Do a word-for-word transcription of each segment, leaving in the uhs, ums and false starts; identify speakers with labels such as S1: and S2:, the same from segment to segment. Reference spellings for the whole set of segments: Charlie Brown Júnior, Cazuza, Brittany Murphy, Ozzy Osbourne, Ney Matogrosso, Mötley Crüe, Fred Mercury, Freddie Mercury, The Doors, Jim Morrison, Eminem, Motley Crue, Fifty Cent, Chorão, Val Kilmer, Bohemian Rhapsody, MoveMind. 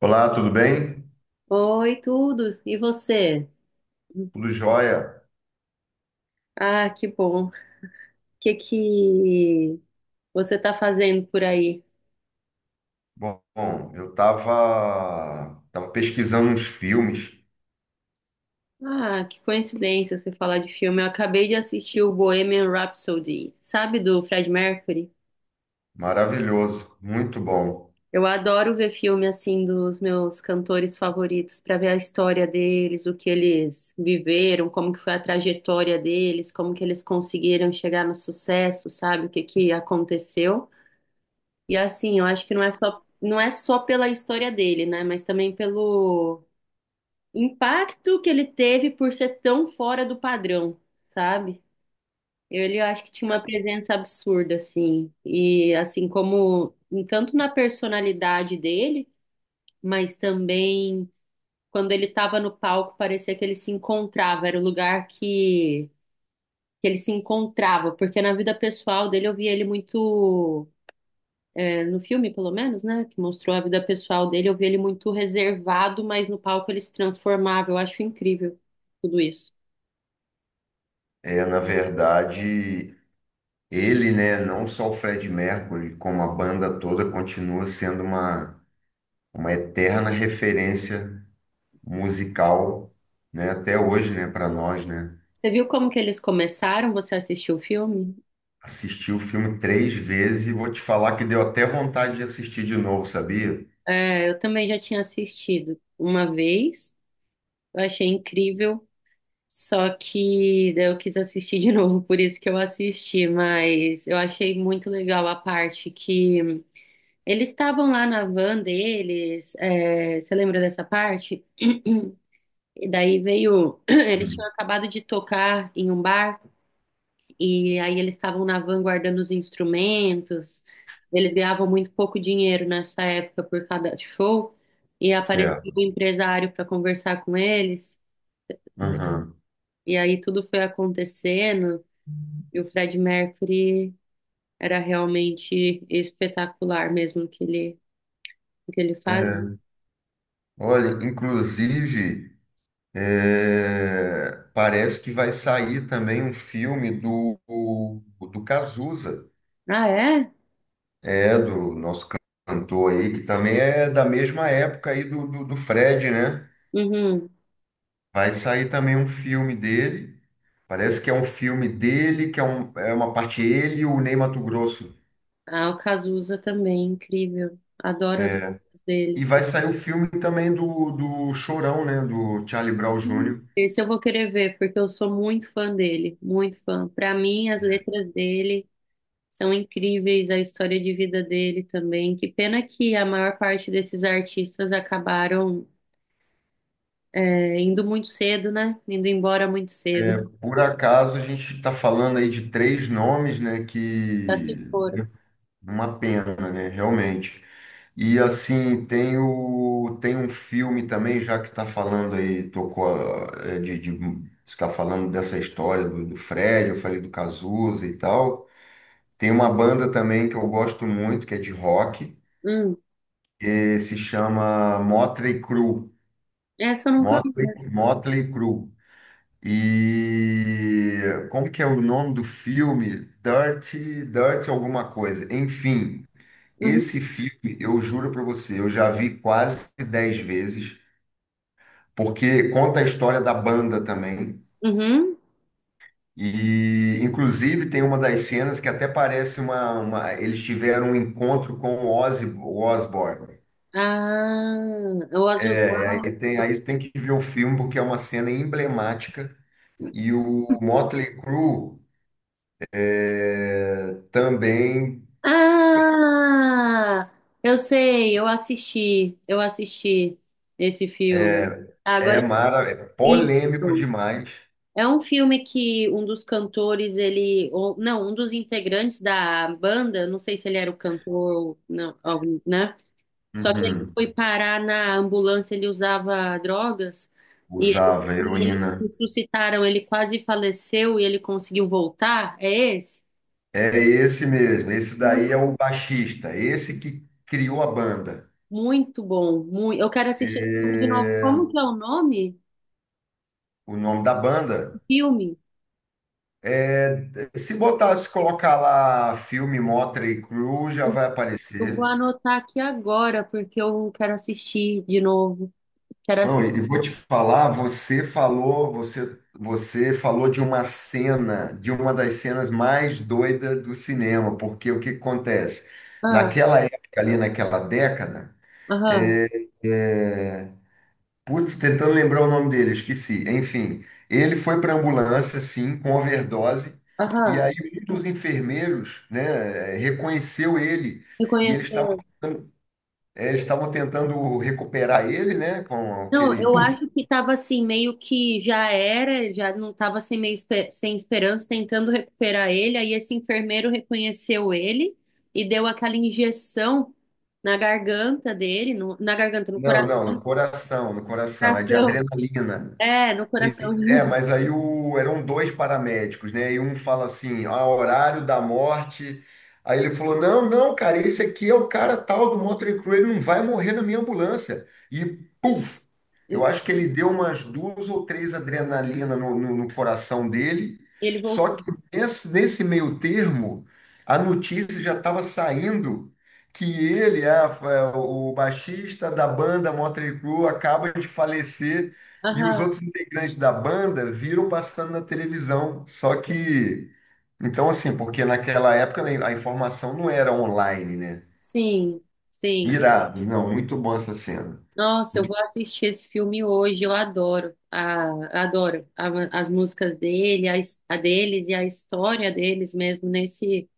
S1: Olá, tudo bem?
S2: Oi, tudo. E você?
S1: Tudo jóia?
S2: Ah, que bom. O que que você tá fazendo por aí?
S1: Bom, bom, eu estava tava tava pesquisando uns filmes,
S2: Ah, que coincidência você falar de filme. Eu acabei de assistir o Bohemian Rhapsody, sabe, do Fred Mercury?
S1: maravilhoso, muito bom.
S2: Eu adoro ver filme assim dos meus cantores favoritos para ver a história deles, o que eles viveram, como que foi a trajetória deles, como que eles conseguiram chegar no sucesso, sabe, o que que aconteceu. E assim, eu acho que não é só, não é só pela história dele, né? Mas também pelo impacto que ele teve por ser tão fora do padrão, sabe? Ele eu acho que tinha uma presença absurda, assim. E assim como tanto na personalidade dele, mas também quando ele estava no palco, parecia que ele se encontrava, era o lugar que, que ele se encontrava, porque na vida pessoal dele eu via ele muito no filme, pelo menos, né, que mostrou a vida pessoal dele, eu vi ele muito reservado, mas no palco ele se transformava. Eu acho incrível tudo isso.
S1: É, na verdade, ele, né, não só o Fred Mercury, como a banda toda, continua sendo uma, uma eterna referência musical, né, até hoje, né, para nós, né.
S2: Você viu como que eles começaram? Você assistiu o filme?
S1: Assisti o filme três vezes e vou te falar que deu até vontade de assistir de novo, sabia?
S2: É, eu também já tinha assistido uma vez, eu achei incrível, só que daí eu quis assistir de novo, por isso que eu assisti, mas eu achei muito legal a parte que eles estavam lá na van deles. É, você lembra dessa parte? E daí veio. Eles
S1: Hum.
S2: tinham acabado de tocar em um bar, e aí eles estavam na van guardando os instrumentos. Eles ganhavam muito pouco dinheiro nessa época por cada show, e apareceu
S1: Certo.
S2: um empresário para conversar com eles,
S1: Aham.
S2: e aí tudo foi acontecendo, e o Fred Mercury era realmente espetacular mesmo o que ele, o que ele faz.
S1: É, olha, inclusive, é, parece que vai sair também um filme do, do Cazuza,
S2: Ah, é?
S1: é, do nosso cantor aí, que também é da mesma época aí do, do, do Fred, né?
S2: Uhum.
S1: Vai sair também um filme dele, parece que é um filme dele, que é, um, é uma parte ele e o Ney Matogrosso.
S2: Ah, o Cazuza também, incrível. Adoro as
S1: É,
S2: músicas
S1: e
S2: dele.
S1: vai sair o filme também do, do Chorão, né? Do Charlie Brown
S2: Hum.
S1: Júnior.
S2: Esse eu vou querer ver, porque eu sou muito fã dele, muito fã. Para mim, as letras dele são incríveis, a história de vida dele também. Que pena que a maior parte desses artistas acabaram é, indo muito cedo, né? Indo embora muito cedo.
S1: Por acaso a gente está falando aí de três nomes, né?
S2: Já se
S1: Que
S2: foram.
S1: uma pena, né? Realmente. E assim, tem o, tem um filme também, já que está falando aí, tocou a- é, de, de, está falando dessa história do, do Fred, eu falei do Cazuza e tal. Tem uma banda também que eu gosto muito, que é de rock,
S2: Hum,
S1: que se chama Motley Crue.
S2: essa eu nunca vi. Né?
S1: Motley, Motley Crue. E como que é o nome do filme? Dirty, Dirty alguma coisa. Enfim,
S2: Uhum.
S1: esse filme, eu juro para você, eu já vi quase dez vezes, porque conta a história da banda também.
S2: Uhum.
S1: E inclusive tem uma das cenas que até parece uma, uma- eles tiveram um encontro com o Ozzy Osbourne.
S2: Ah, o Ozzy
S1: É, aí
S2: Osbourne.
S1: tem, aí tem que ver o filme porque é uma cena emblemática e o Motley Crue é, também
S2: Ah, eu sei, eu assisti, eu assisti esse filme.
S1: é, é,
S2: Agora.
S1: mara, é
S2: Isso.
S1: polêmico demais.
S2: É um filme que um dos cantores, ele, ou não, um dos integrantes da banda, não sei se ele era o cantor ou não, algum, né? Só que ele
S1: Uhum.
S2: foi parar na ambulância, ele usava drogas e, ele-
S1: Usava
S2: e eles
S1: heroína.
S2: ressuscitaram, ele quase faleceu e ele conseguiu voltar. É esse?
S1: É esse mesmo. Esse
S2: Ui,
S1: daí é o baixista. Esse que criou a banda.
S2: muito bom, muito. Eu quero assistir esse filme de novo.
S1: É,
S2: Como que é o nome
S1: o nome da
S2: do
S1: banda
S2: filme?
S1: é. Se botar, se colocar lá filme Motley Crue, já
S2: Eu,
S1: vai
S2: eu vou
S1: aparecer.
S2: anotar aqui agora porque eu quero assistir de novo. Quero.
S1: Não, e e vou te falar, você falou, você, você falou de uma cena, de uma das cenas mais doidas do cinema, porque o que que acontece?
S2: Ah,
S1: Naquela época ali, naquela década,
S2: aham,
S1: é, é, putz, tentando lembrar o nome dele, esqueci. Enfim, ele foi para ambulância, sim, com overdose, e
S2: aham.
S1: aí um dos enfermeiros, né, reconheceu ele, e eles estavam
S2: Reconheceu.
S1: tentando, é, eles estavam tentando recuperar ele, né, com
S2: Não,
S1: aquele
S2: eu
S1: puff.
S2: acho que estava assim, meio que já era, já não estava assim, meio espe- sem esperança, tentando recuperar ele. Aí esse enfermeiro reconheceu ele e deu aquela injeção na garganta dele, no- na garganta, no
S1: Não,
S2: coração.
S1: não, no coração, no coração, é de
S2: Coração.
S1: adrenalina.
S2: É, no coração.
S1: É, mas aí o, eram dois paramédicos, né? E um fala assim, ah, horário da morte. Aí ele falou, não, não, cara, esse aqui é o cara tal do Motley Crue, ele não vai morrer na minha ambulância. E puf! Eu
S2: E
S1: acho que ele deu umas duas ou três adrenalina no, no- no coração dele.
S2: ele
S1: Só
S2: voltou.
S1: que nesse, nesse meio termo, a notícia já estava saindo que ele, ah, o baixista da banda Motley Crue, acaba de falecer. E os
S2: Aham,
S1: outros integrantes da banda viram passando na televisão. Só que, então assim, porque naquela época né, a informação não era online, né?
S2: sim, sim.
S1: Irado, não, muito bom essa cena.
S2: Nossa, eu
S1: Muito,
S2: vou assistir esse filme hoje. Eu adoro, a, adoro a- as músicas dele, a, his- a deles e a história deles mesmo nesse.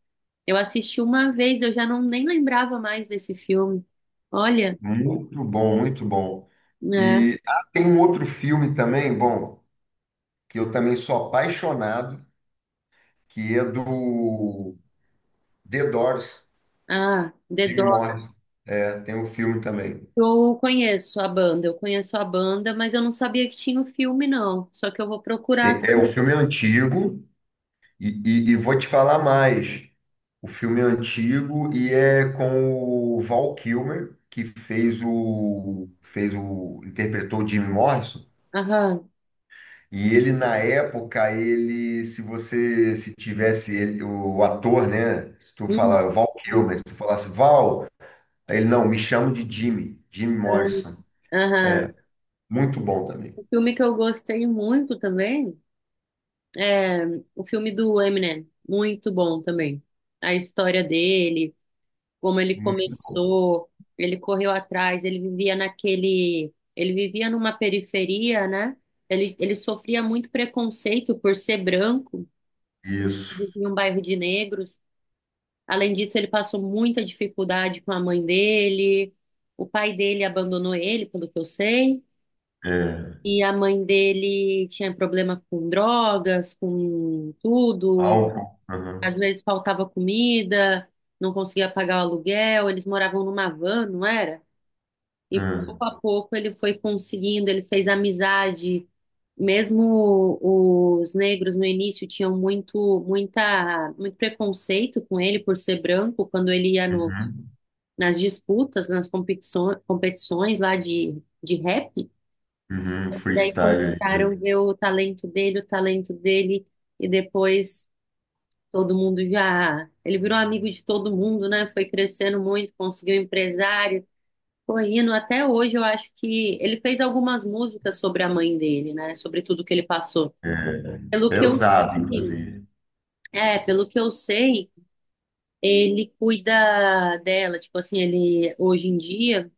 S2: Eu assisti uma vez, eu já não nem lembrava mais desse filme. Olha,
S1: muito bom, muito bom.
S2: né?
S1: E ah, tem um outro filme também, bom, que eu também sou apaixonado, que é do The Doors,
S2: Ah, The
S1: Jim
S2: Doors.
S1: Morrison. É, tem um filme também.
S2: Eu conheço a banda, eu conheço a banda, mas eu não sabia que tinha o filme, não. Só que eu vou procurar
S1: Tem- É, o
S2: também.
S1: filme é antigo, E, e- e vou te falar mais. O filme é antigo e é com o Val Kilmer, que fez o, fez o, interpretou o Jim Morrison.
S2: Aham.
S1: E ele, na época, ele, se você, se tivesse ele, o ator, né? Se tu
S2: Hum,
S1: falar Val Kilmer, se tu falasse Val, aí ele, não, me chamo de Jimmy, Jim Morrison.
S2: aham.
S1: Muito bom também.
S2: O filme que eu gostei muito também. É, o filme do Eminem, muito bom também. A história dele, como ele
S1: Muito bom.
S2: começou, ele correu atrás, ele vivia naquele, ele vivia numa periferia, né? Ele, ele sofria muito preconceito por ser branco, ele
S1: Isso.
S2: vivia em um bairro de negros. Além disso, ele passou muita dificuldade com a mãe dele. O pai dele abandonou ele, pelo que eu sei.
S1: É.
S2: E a mãe dele tinha problema com drogas, com tudo.
S1: Álcool.
S2: Às
S1: Aham.
S2: vezes faltava comida, não conseguia pagar o aluguel, eles moravam numa van, não era? E pouco
S1: Aham.
S2: a pouco ele foi conseguindo, ele fez amizade. Mesmo os negros no início tinham muito, muita, muito preconceito com ele por ser branco, quando ele ia no,
S1: Uhum.
S2: nas disputas, nas competições, competições lá de, de rap.
S1: Uhum.
S2: Daí
S1: Freestyle aí.
S2: começaram a
S1: né?
S2: ver o talento dele, o talento dele, e depois todo mundo já. Ele virou amigo de todo mundo, né? Foi crescendo muito, conseguiu um empresário. Correndo, até hoje eu acho que ele fez algumas músicas sobre a mãe dele, né? Sobre tudo que ele passou.
S1: É,
S2: Pelo que eu
S1: pesado,
S2: sei,
S1: inclusive.
S2: é, Pelo que eu sei, ele cuida dela. Tipo assim, ele hoje em dia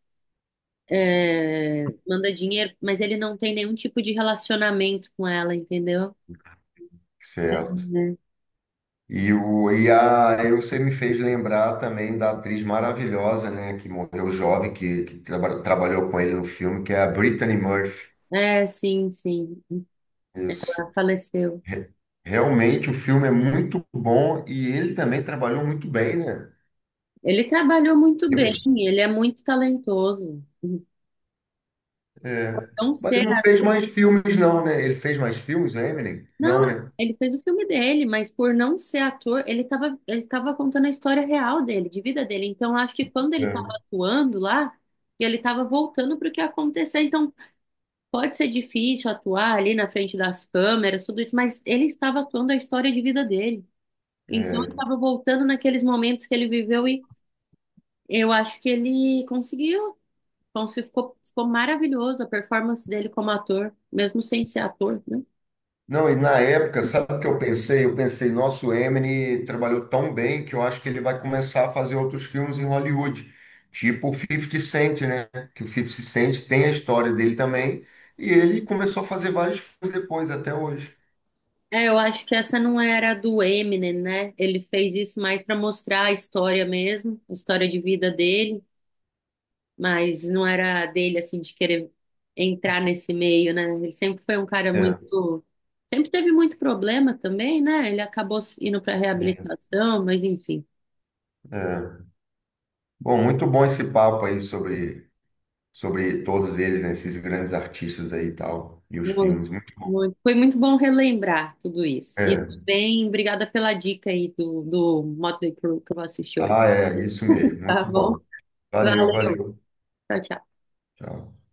S2: é, manda dinheiro, mas ele não tem nenhum tipo de relacionamento com ela, entendeu?
S1: Certo.
S2: É,
S1: E, o, e, a, e você me fez lembrar também da atriz maravilhosa, né, que morreu jovem, que, que traba- trabalhou com ele no filme, que é a Brittany Murphy.
S2: é, sim, sim.
S1: Isso.
S2: Ela faleceu.
S1: Re- Realmente o filme é muito bom e ele também trabalhou muito bem, né?
S2: Ele trabalhou muito bem,
S1: Eminem.
S2: ele é muito talentoso.
S1: É.
S2: Não
S1: Mas
S2: ser,
S1: não
S2: a-
S1: fez mais filmes, não, né? Ele fez mais filmes, né, Eminem?
S2: não,
S1: Não, né?
S2: ele fez o filme dele, mas por não ser ator, ele estava ele tava contando a história real dele, de vida dele. Então acho que quando ele estava
S1: É.
S2: atuando lá, e ele estava voltando para o que aconteceu. Então pode ser difícil atuar ali na frente das câmeras, tudo isso, mas ele estava atuando a história de vida dele. Então ele
S1: É.
S2: estava voltando naqueles momentos que ele viveu e eu acho que ele conseguiu. Ponce ficou, ficou maravilhoso a performance dele como ator, mesmo sem ser ator, né?
S1: Não, e na época, sabe o que eu pensei? Eu pensei, nosso Eminem trabalhou tão bem que eu acho que ele vai começar a fazer outros filmes em Hollywood, tipo o Fifty Cent, né? Que o Fifty Cent tem a história dele também, e ele começou a fazer vários filmes depois, até hoje.
S2: É, eu acho que essa não era do Eminem, né? Ele fez isso mais para mostrar a história mesmo, a história de vida dele, mas não era dele, assim, de querer entrar nesse meio, né? Ele sempre foi um cara
S1: É,
S2: muito. Sempre teve muito problema também, né? Ele acabou indo para
S1: é,
S2: reabilitação, mas enfim.
S1: é. Bom, muito bom esse papo aí sobre, sobre todos eles, né? Esses grandes artistas aí e tal, e os
S2: Muito,
S1: filmes, muito bom.
S2: muito. Foi muito bom relembrar tudo isso. E
S1: É.
S2: também, obrigada pela dica aí do, do Motley Crue que eu vou assistir hoje.
S1: Ah, é, isso mesmo,
S2: Tá
S1: muito
S2: bom?
S1: bom. Valeu,
S2: Valeu.
S1: valeu.
S2: Tchau, tchau.
S1: Tchau.